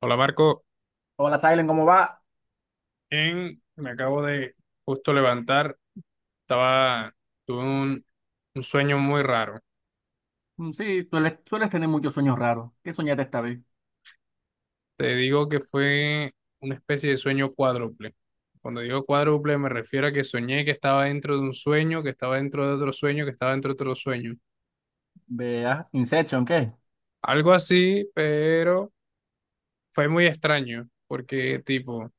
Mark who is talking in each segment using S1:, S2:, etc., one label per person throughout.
S1: Hola Marco,
S2: Hola, Silent, ¿cómo va?
S1: bien, me acabo de justo levantar, estaba, tuve un sueño muy raro.
S2: Sí, sueles tener muchos sueños raros. ¿Qué soñaste esta vez?
S1: Te digo que fue una especie de sueño cuádruple. Cuando digo cuádruple me refiero a que soñé que estaba dentro de un sueño, que estaba dentro de otro sueño, que estaba dentro de otro sueño.
S2: Vea, Inception, ¿qué?
S1: Algo así, pero fue muy extraño, porque tipo,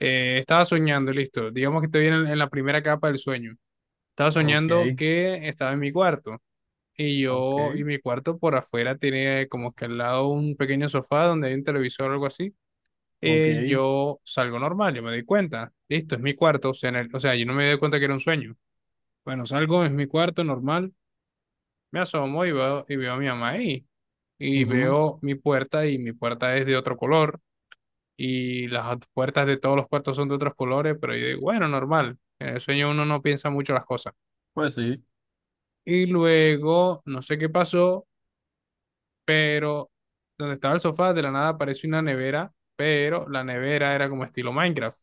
S1: estaba soñando, listo, digamos que estoy en la primera capa del sueño. Estaba
S2: Ok,
S1: soñando que estaba en mi cuarto. Y
S2: ok,
S1: yo y mi cuarto por afuera tiene como que al lado un pequeño sofá donde hay un televisor o algo así.
S2: ok.
S1: Eh, yo salgo normal, yo me doy cuenta, listo, es mi cuarto, o sea, en el- o sea, yo no me doy cuenta que era un sueño. Bueno, salgo, es mi cuarto normal, me asomo y veo a mi mamá ahí y
S2: Ujú.
S1: veo mi puerta y mi puerta es de otro color y las ot- puertas de todos los cuartos son de otros colores, pero yo digo, bueno, normal, en el sueño uno no piensa mucho las cosas.
S2: Pues sí.
S1: Y luego, no sé qué pasó pero donde estaba el sofá, de la nada apareció una nevera, pero la nevera era como estilo Minecraft.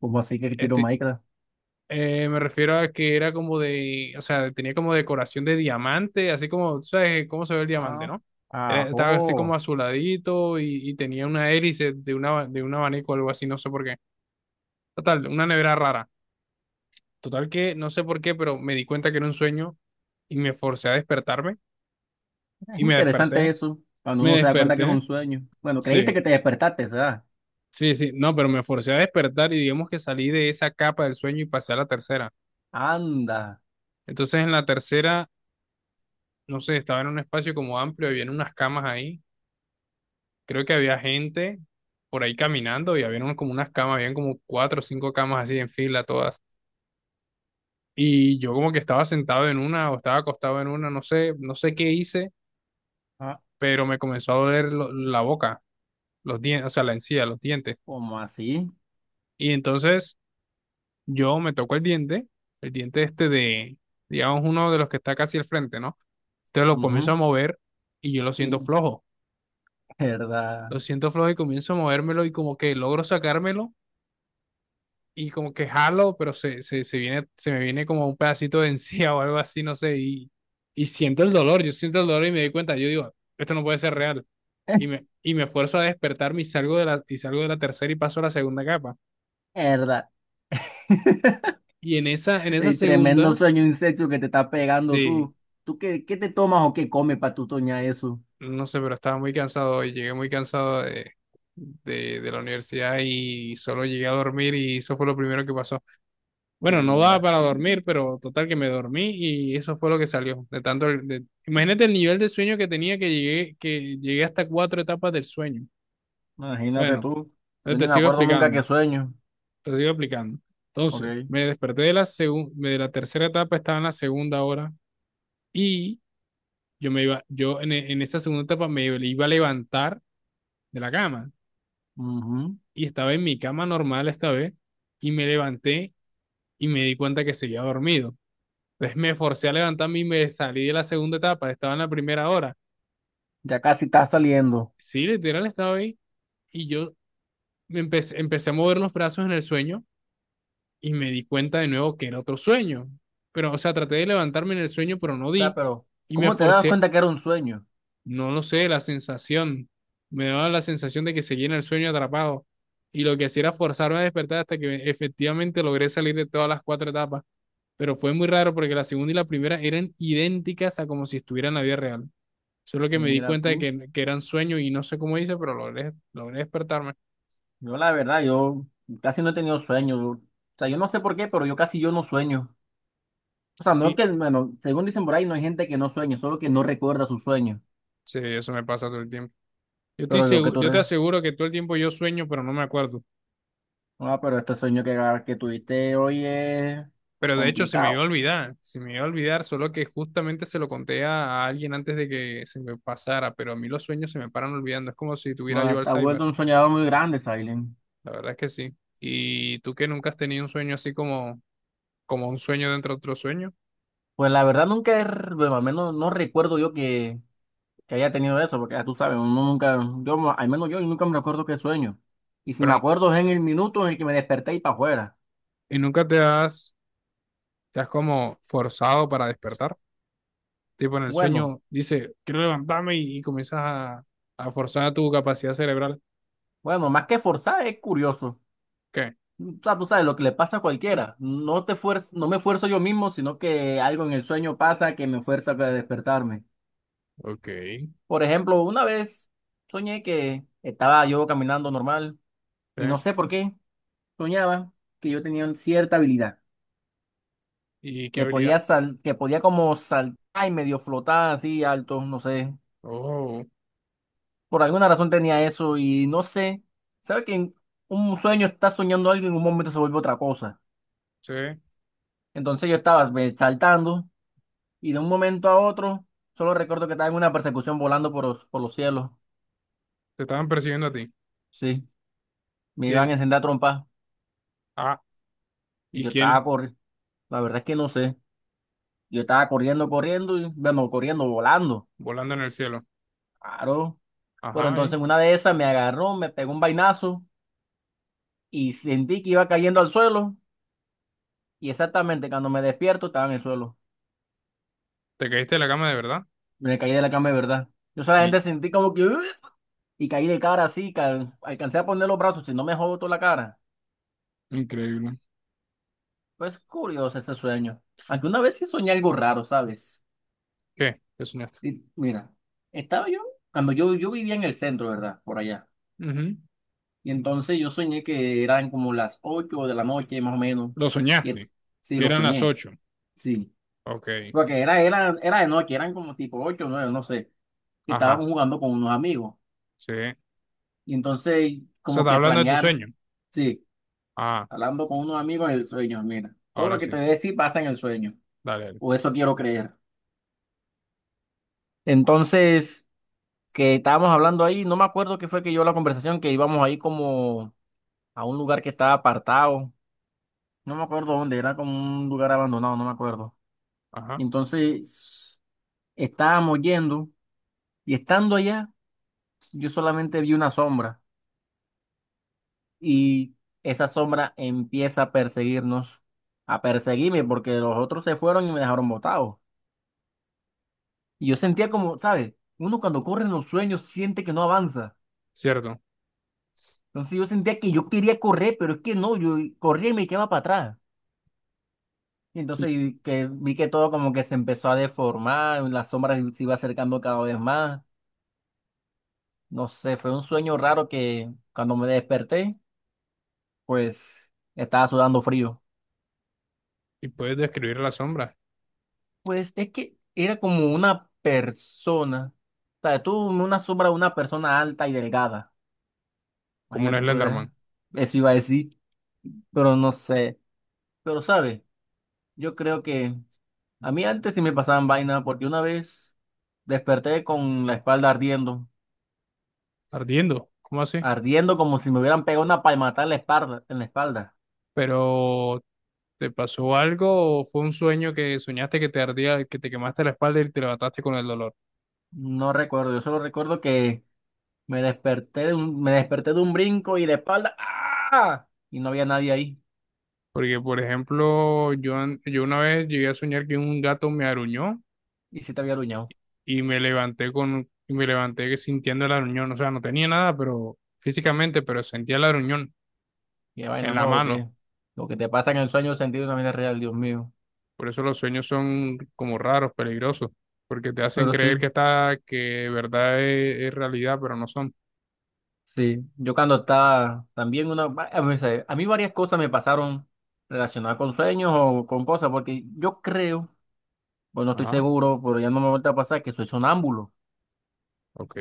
S2: ¿Cómo así que tiro
S1: Este,
S2: Minecraft?
S1: me refiero a que era como de, o sea, tenía como decoración de diamante, así como, tú sabes cómo se ve el diamante,
S2: Ah,
S1: ¿no? Era- Estaba así como
S2: ajo.
S1: azuladito y tenía una hélice de, una, de un abanico o algo así, no sé por qué. Total, una nevera rara. Total que no sé por qué, pero me di cuenta que era un sueño y me forcé a despertarme
S2: Es
S1: y me
S2: interesante
S1: desperté.
S2: eso, cuando
S1: Me
S2: uno se da cuenta que es
S1: desperté,
S2: un sueño. Bueno, creíste
S1: sí.
S2: que te despertaste, ¿sabes?
S1: Sí, sí, no, pero me forcé a despertar y digamos que salí de esa capa del sueño y pasé a la tercera.
S2: Anda.
S1: Entonces en la tercera, no sé, estaba en un espacio como amplio, había unas camas ahí, creo que había gente por ahí caminando y había como unas camas, habían como cuatro o cinco camas así en fila todas. Y yo como que estaba sentado en una o estaba acostado en una, no sé, no sé qué hice,
S2: Ah,
S1: pero me comenzó a doler lo- la boca, los dientes, o sea, la encía, los dientes.
S2: ¿cómo así?
S1: Y entonces yo me toco el diente este de, digamos, uno de los que está casi al frente, ¿no? Entonces lo comienzo a
S2: Ujú,
S1: mover y yo
S2: y- ¿Verdad?
S1: lo siento flojo y comienzo a movérmelo y como que logro sacármelo y como que jalo, pero se viene, se me viene como un pedacito de encía o algo así, no sé, y siento el dolor, yo siento el dolor y me doy cuenta, yo digo, esto no puede ser real. Y me esfuerzo a despertarme y salgo de la, y salgo de la tercera y paso a la segunda capa.
S2: ¿Verdad?
S1: Y en esa
S2: Y tremendo
S1: segunda,
S2: sueño insecto que te está pegando
S1: sí,
S2: tú. ¿Tú qué te tomas o qué comes para tú soñar eso?
S1: no sé, pero estaba muy cansado hoy. Llegué muy cansado de la universidad y solo llegué a dormir y eso fue lo primero que pasó. Bueno, no daba
S2: ¿Verdad?
S1: para dormir, pero total que me dormí y eso fue lo que salió. De tanto, el- de- imagínate el nivel de sueño que tenía que llegué hasta cuatro etapas del sueño.
S2: Imagínate
S1: Bueno,
S2: tú.
S1: entonces
S2: Yo ni
S1: te
S2: me
S1: sigo
S2: acuerdo nunca qué
S1: explicando,
S2: sueño.
S1: te sigo explicando. Entonces,
S2: Ok.
S1: me desperté de la segun- de la tercera etapa, estaba en la segunda hora y yo me iba, yo en, e- en esa segunda etapa me iba a levantar de la cama.
S2: Ujú.
S1: Y estaba en mi cama normal esta vez y me levanté y me di cuenta que seguía dormido. Entonces me forcé a levantarme y me salí de la segunda etapa, estaba en la primera hora.
S2: Ya casi está saliendo. O
S1: Sí, literal estaba ahí y yo me empecé, empecé a mover los brazos en el sueño y me di cuenta de nuevo que era otro sueño. Pero, o sea, traté de levantarme en el sueño, pero no
S2: sea,
S1: di
S2: pero
S1: y me
S2: ¿cómo te das
S1: forcé,
S2: cuenta que era un sueño?
S1: no lo sé, la sensación, me daba la sensación de que seguía en el sueño atrapado. Y lo que hacía era forzarme a despertar hasta que efectivamente logré salir de todas las cuatro etapas. Pero fue muy raro porque la segunda y la primera eran idénticas a como si estuviera en la vida real. Solo que me di
S2: Mira
S1: cuenta de
S2: tú.
S1: que eran sueños y no sé cómo hice, pero logré, logré despertarme.
S2: Yo la verdad, yo casi no he tenido sueños. O sea, yo no sé por qué, pero yo casi yo no sueño. O sea, no es
S1: Y
S2: que, bueno, según dicen por ahí, no hay gente que no sueña, solo que no recuerda sus sueños.
S1: sí, eso me pasa todo el tiempo. Yo estoy
S2: Pero yo que
S1: seguro,
S2: tú,
S1: yo te aseguro que todo el tiempo yo sueño, pero no me acuerdo.
S2: ah, pero este sueño que tuviste hoy es
S1: Pero de hecho se me iba a
S2: complicado.
S1: olvidar, se me iba a olvidar, solo que justamente se lo conté a alguien antes de que se me pasara, pero a mí los sueños se me paran olvidando, es como si tuviera yo
S2: Bueno, te has
S1: Alzheimer,
S2: vuelto un soñador muy grande, Silent.
S1: la verdad es que sí. ¿Y tú que nunca has tenido un sueño así como, como un sueño dentro de otro sueño,
S2: Pues la verdad nunca, bueno, al menos no recuerdo yo que haya tenido eso, porque ya tú sabes, uno nunca, al menos yo nunca me recuerdo qué sueño. Y si me
S1: pero
S2: acuerdo es en el minuto en el que me desperté y para afuera.
S1: y nunca te has, te has como forzado para despertar? Tipo en el
S2: Bueno,
S1: sueño, dice, quiero levantarme y comienzas a forzar tu capacidad cerebral.
S2: bueno, más que forzar es curioso.
S1: ¿Qué?
S2: O sea, tú sabes lo que le pasa a cualquiera. No no me esfuerzo yo mismo, sino que algo en el sueño pasa que me fuerza a despertarme.
S1: Ok. Sí.
S2: Por ejemplo, una vez soñé que estaba yo caminando normal y no sé por qué soñaba que yo tenía cierta habilidad,
S1: ¿Y qué
S2: que
S1: habilidad?
S2: que podía como saltar y medio flotar así alto, no sé.
S1: Oh,
S2: Por alguna razón tenía eso y no sé. ¿Sabes que en un sueño estás soñando algo y en un momento se vuelve otra cosa?
S1: sí. Te
S2: Entonces yo estaba ve, saltando y de un momento a otro solo recuerdo que estaba en una persecución volando por los cielos.
S1: estaban persiguiendo a ti.
S2: Sí, me iban a
S1: ¿Quién?
S2: encender a trompa
S1: Ah,
S2: y
S1: ¿y
S2: yo estaba
S1: quién?
S2: corriendo. La verdad es que no sé. Yo estaba corriendo, corriendo, y, bueno, corriendo, volando.
S1: Volando en el cielo.
S2: Claro. Pero
S1: Ajá, ¿y?
S2: entonces en una de esas me agarró, me pegó un vainazo y sentí que iba cayendo al suelo. Y exactamente cuando me despierto estaba en el suelo.
S1: ¿Te caíste de la cama de verdad?
S2: Me caí de la cama de verdad. Yo
S1: Y,
S2: solamente sentí como que... "Ugh". Y caí de cara así, alcancé a poner los brazos y no me jodó toda la cara.
S1: increíble.
S2: Pues curioso ese sueño. Aunque una vez sí soñé algo raro, ¿sabes?
S1: ¿Qué? ¿Qué soñaste?
S2: Y, mira, estaba yo, cuando yo vivía en el centro, ¿verdad? Por allá.
S1: Ujú.
S2: Y entonces yo soñé que eran como las 8 de la noche, más o menos.
S1: Lo
S2: Y,
S1: soñaste.
S2: sí,
S1: Que
S2: lo
S1: eran las
S2: soñé,
S1: 8.
S2: sí.
S1: Ok.
S2: Porque era de noche, eran como tipo ocho o 9, no sé. Y
S1: Ajá.
S2: estábamos jugando con unos amigos.
S1: Sí. O
S2: Y entonces,
S1: sea,
S2: como
S1: estás
S2: que
S1: hablando de tu
S2: planear,
S1: sueño.
S2: sí,
S1: Ah,
S2: hablando con unos amigos en el sueño, mira. Todo lo
S1: ahora
S2: que te
S1: sí.
S2: voy a decir pasa en el sueño.
S1: Dale, dale.
S2: O eso quiero creer. Entonces, que estábamos hablando ahí, no me acuerdo qué fue que yo la conversación, que íbamos ahí como a un lugar que estaba apartado. No me acuerdo dónde, era como un lugar abandonado, no me acuerdo.
S1: Ajá.
S2: Entonces estábamos yendo y estando allá, yo solamente vi una sombra y esa sombra empieza a perseguirnos, a perseguirme porque los otros se fueron y me dejaron botado. Y yo
S1: Y cu-
S2: sentía como, ¿sabes? Uno cuando corre en los sueños siente que no avanza.
S1: Cierto.
S2: Entonces yo sentía que yo quería correr, pero es que no, yo corría y me quedaba para atrás. Y
S1: Y,
S2: entonces y que vi que todo como que se empezó a deformar, la sombra se iba acercando cada vez más. No sé, fue un sueño raro que cuando me desperté pues estaba sudando frío.
S1: ¿y puedes describir la sombra
S2: Pues es que era como una persona, o sea, tú una sombra de una persona alta y delgada.
S1: como un
S2: Imagínate tú eres,
S1: Slenderman?
S2: eso iba a decir, pero no sé. Pero sabes, yo creo que a mí antes sí me pasaban vaina porque una vez desperté con la espalda ardiendo,
S1: Ardiendo. ¿Cómo así?
S2: ardiendo como si me hubieran pegado una palmata en en la espalda.
S1: Pero, ¿te pasó algo o fue un sueño que soñaste que te ardía, que te quemaste la espalda y te levantaste con el dolor?
S2: No recuerdo, yo solo recuerdo que me desperté me desperté de un brinco y de espalda. ¡Ah! Y no había nadie ahí.
S1: Porque, por ejemplo, yo, an- yo una vez llegué a soñar que un gato me aruñó
S2: Y sí te había aruñado.
S1: y me levanté con, y me levanté sintiendo el aruñón. O sea, no tenía nada, pero físicamente, pero sentía el aruñón
S2: Qué
S1: en
S2: vaina,
S1: la
S2: no,
S1: mano.
S2: lo que te pasa en el sueño sentido en la vida real, Dios mío.
S1: Por eso los sueños son como raros, peligrosos, porque te hacen
S2: Pero
S1: creer que
S2: sí,
S1: está, que de verdad es realidad, pero no son.
S2: sí. Yo cuando estaba también a mí, a mí varias cosas me pasaron relacionadas con sueños o con cosas, porque yo creo, pues no estoy
S1: Ajá,
S2: seguro, pero ya no me vuelve a pasar que soy sonámbulo.
S1: ok.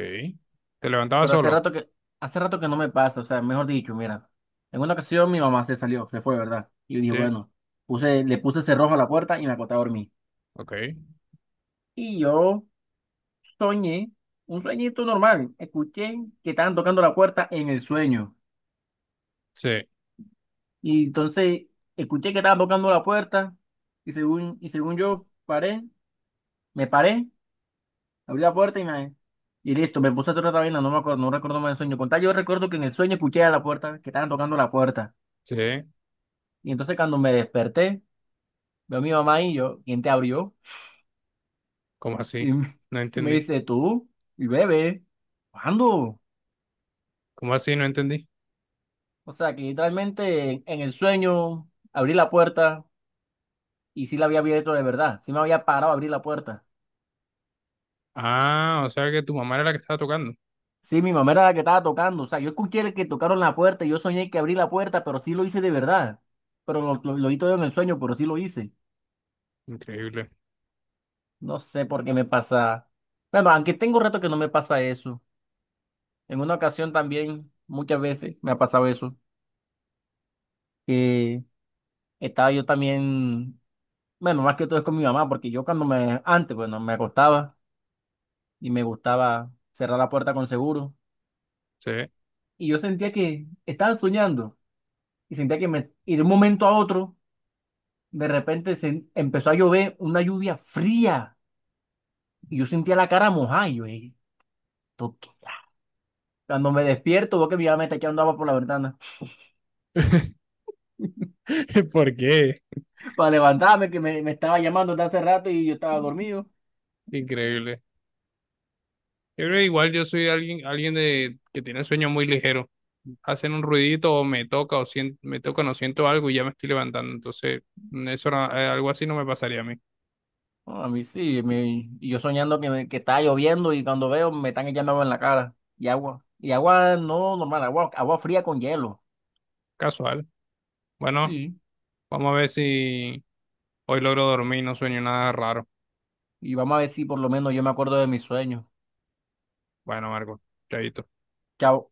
S1: ¿Te levantabas
S2: Pero
S1: solo?
S2: hace rato que no me pasa, o sea, mejor dicho, mira, en una ocasión mi mamá se salió, se fue, ¿verdad? Y yo dije,
S1: Sí,
S2: bueno, le puse cerrojo a la puerta y me acosté a dormir.
S1: ok.
S2: Y yo soñé, un sueñito normal, escuché que estaban tocando la puerta en el sueño.
S1: Sí,
S2: Y entonces escuché que estaban tocando la puerta y según yo me paré, abrí la puerta y me... Y listo, me puse a hacer otra vaina, no me acuerdo, no recuerdo más el sueño. Con tal, yo recuerdo que en el sueño escuché a la puerta, que estaban tocando la puerta.
S1: sí.
S2: Y entonces cuando me desperté, veo a mi mamá y yo, ¿quién te abrió?
S1: ¿Cómo
S2: Y,
S1: así?
S2: me
S1: No
S2: y me
S1: entendí.
S2: dice, tú, y bebé, ¿cuándo?
S1: ¿Cómo así? No entendí.
S2: O sea, que literalmente en el sueño abrí la puerta y sí la había abierto de verdad, sí me había parado a abrir la puerta.
S1: Ah, o sea que tu mamá era la que estaba tocando.
S2: Sí, mi mamá era la que estaba tocando, o sea, yo escuché el que tocaron la puerta y yo soñé que abrí la puerta, pero sí lo hice de verdad. Pero lo hice todo en el sueño, pero sí lo hice.
S1: Increíble.
S2: No sé por qué me pasa. Bueno, aunque tengo rato que no me pasa eso. En una ocasión también, muchas veces me ha pasado eso, que estaba yo también, bueno, más que todo es con mi mamá, porque antes, bueno, me acostaba y me gustaba cerrar la puerta con seguro,
S1: Sí.
S2: y yo sentía que estaba soñando, y de un momento a otro, de repente se empezó a llover una lluvia fría, y yo sentía la cara mojada, y yo, "Ey, esto qué". Cuando me despierto, veo que mi mamá me está echando agua por la ventana,
S1: ¿Por qué?
S2: para levantarme, me estaba llamando desde hace rato y yo estaba dormido.
S1: Increíble. Yo creo que igual yo soy alguien, alguien de, que tiene sueños muy ligeros. Hacen un ruidito o me toca o siento, me tocan o no siento algo y ya me estoy levantando. Entonces, eso no- algo así no me pasaría a mí.
S2: No, a mí sí, y yo soñando que está lloviendo y cuando veo me están echando agua en la cara y agua. Y agua no normal, agua fría con hielo.
S1: Casual. Bueno,
S2: Sí.
S1: vamos a ver si hoy logro dormir y no sueño nada raro.
S2: Y vamos a ver si por lo menos yo me acuerdo de mis sueños.
S1: Bueno, Marco, chaito.
S2: Chao.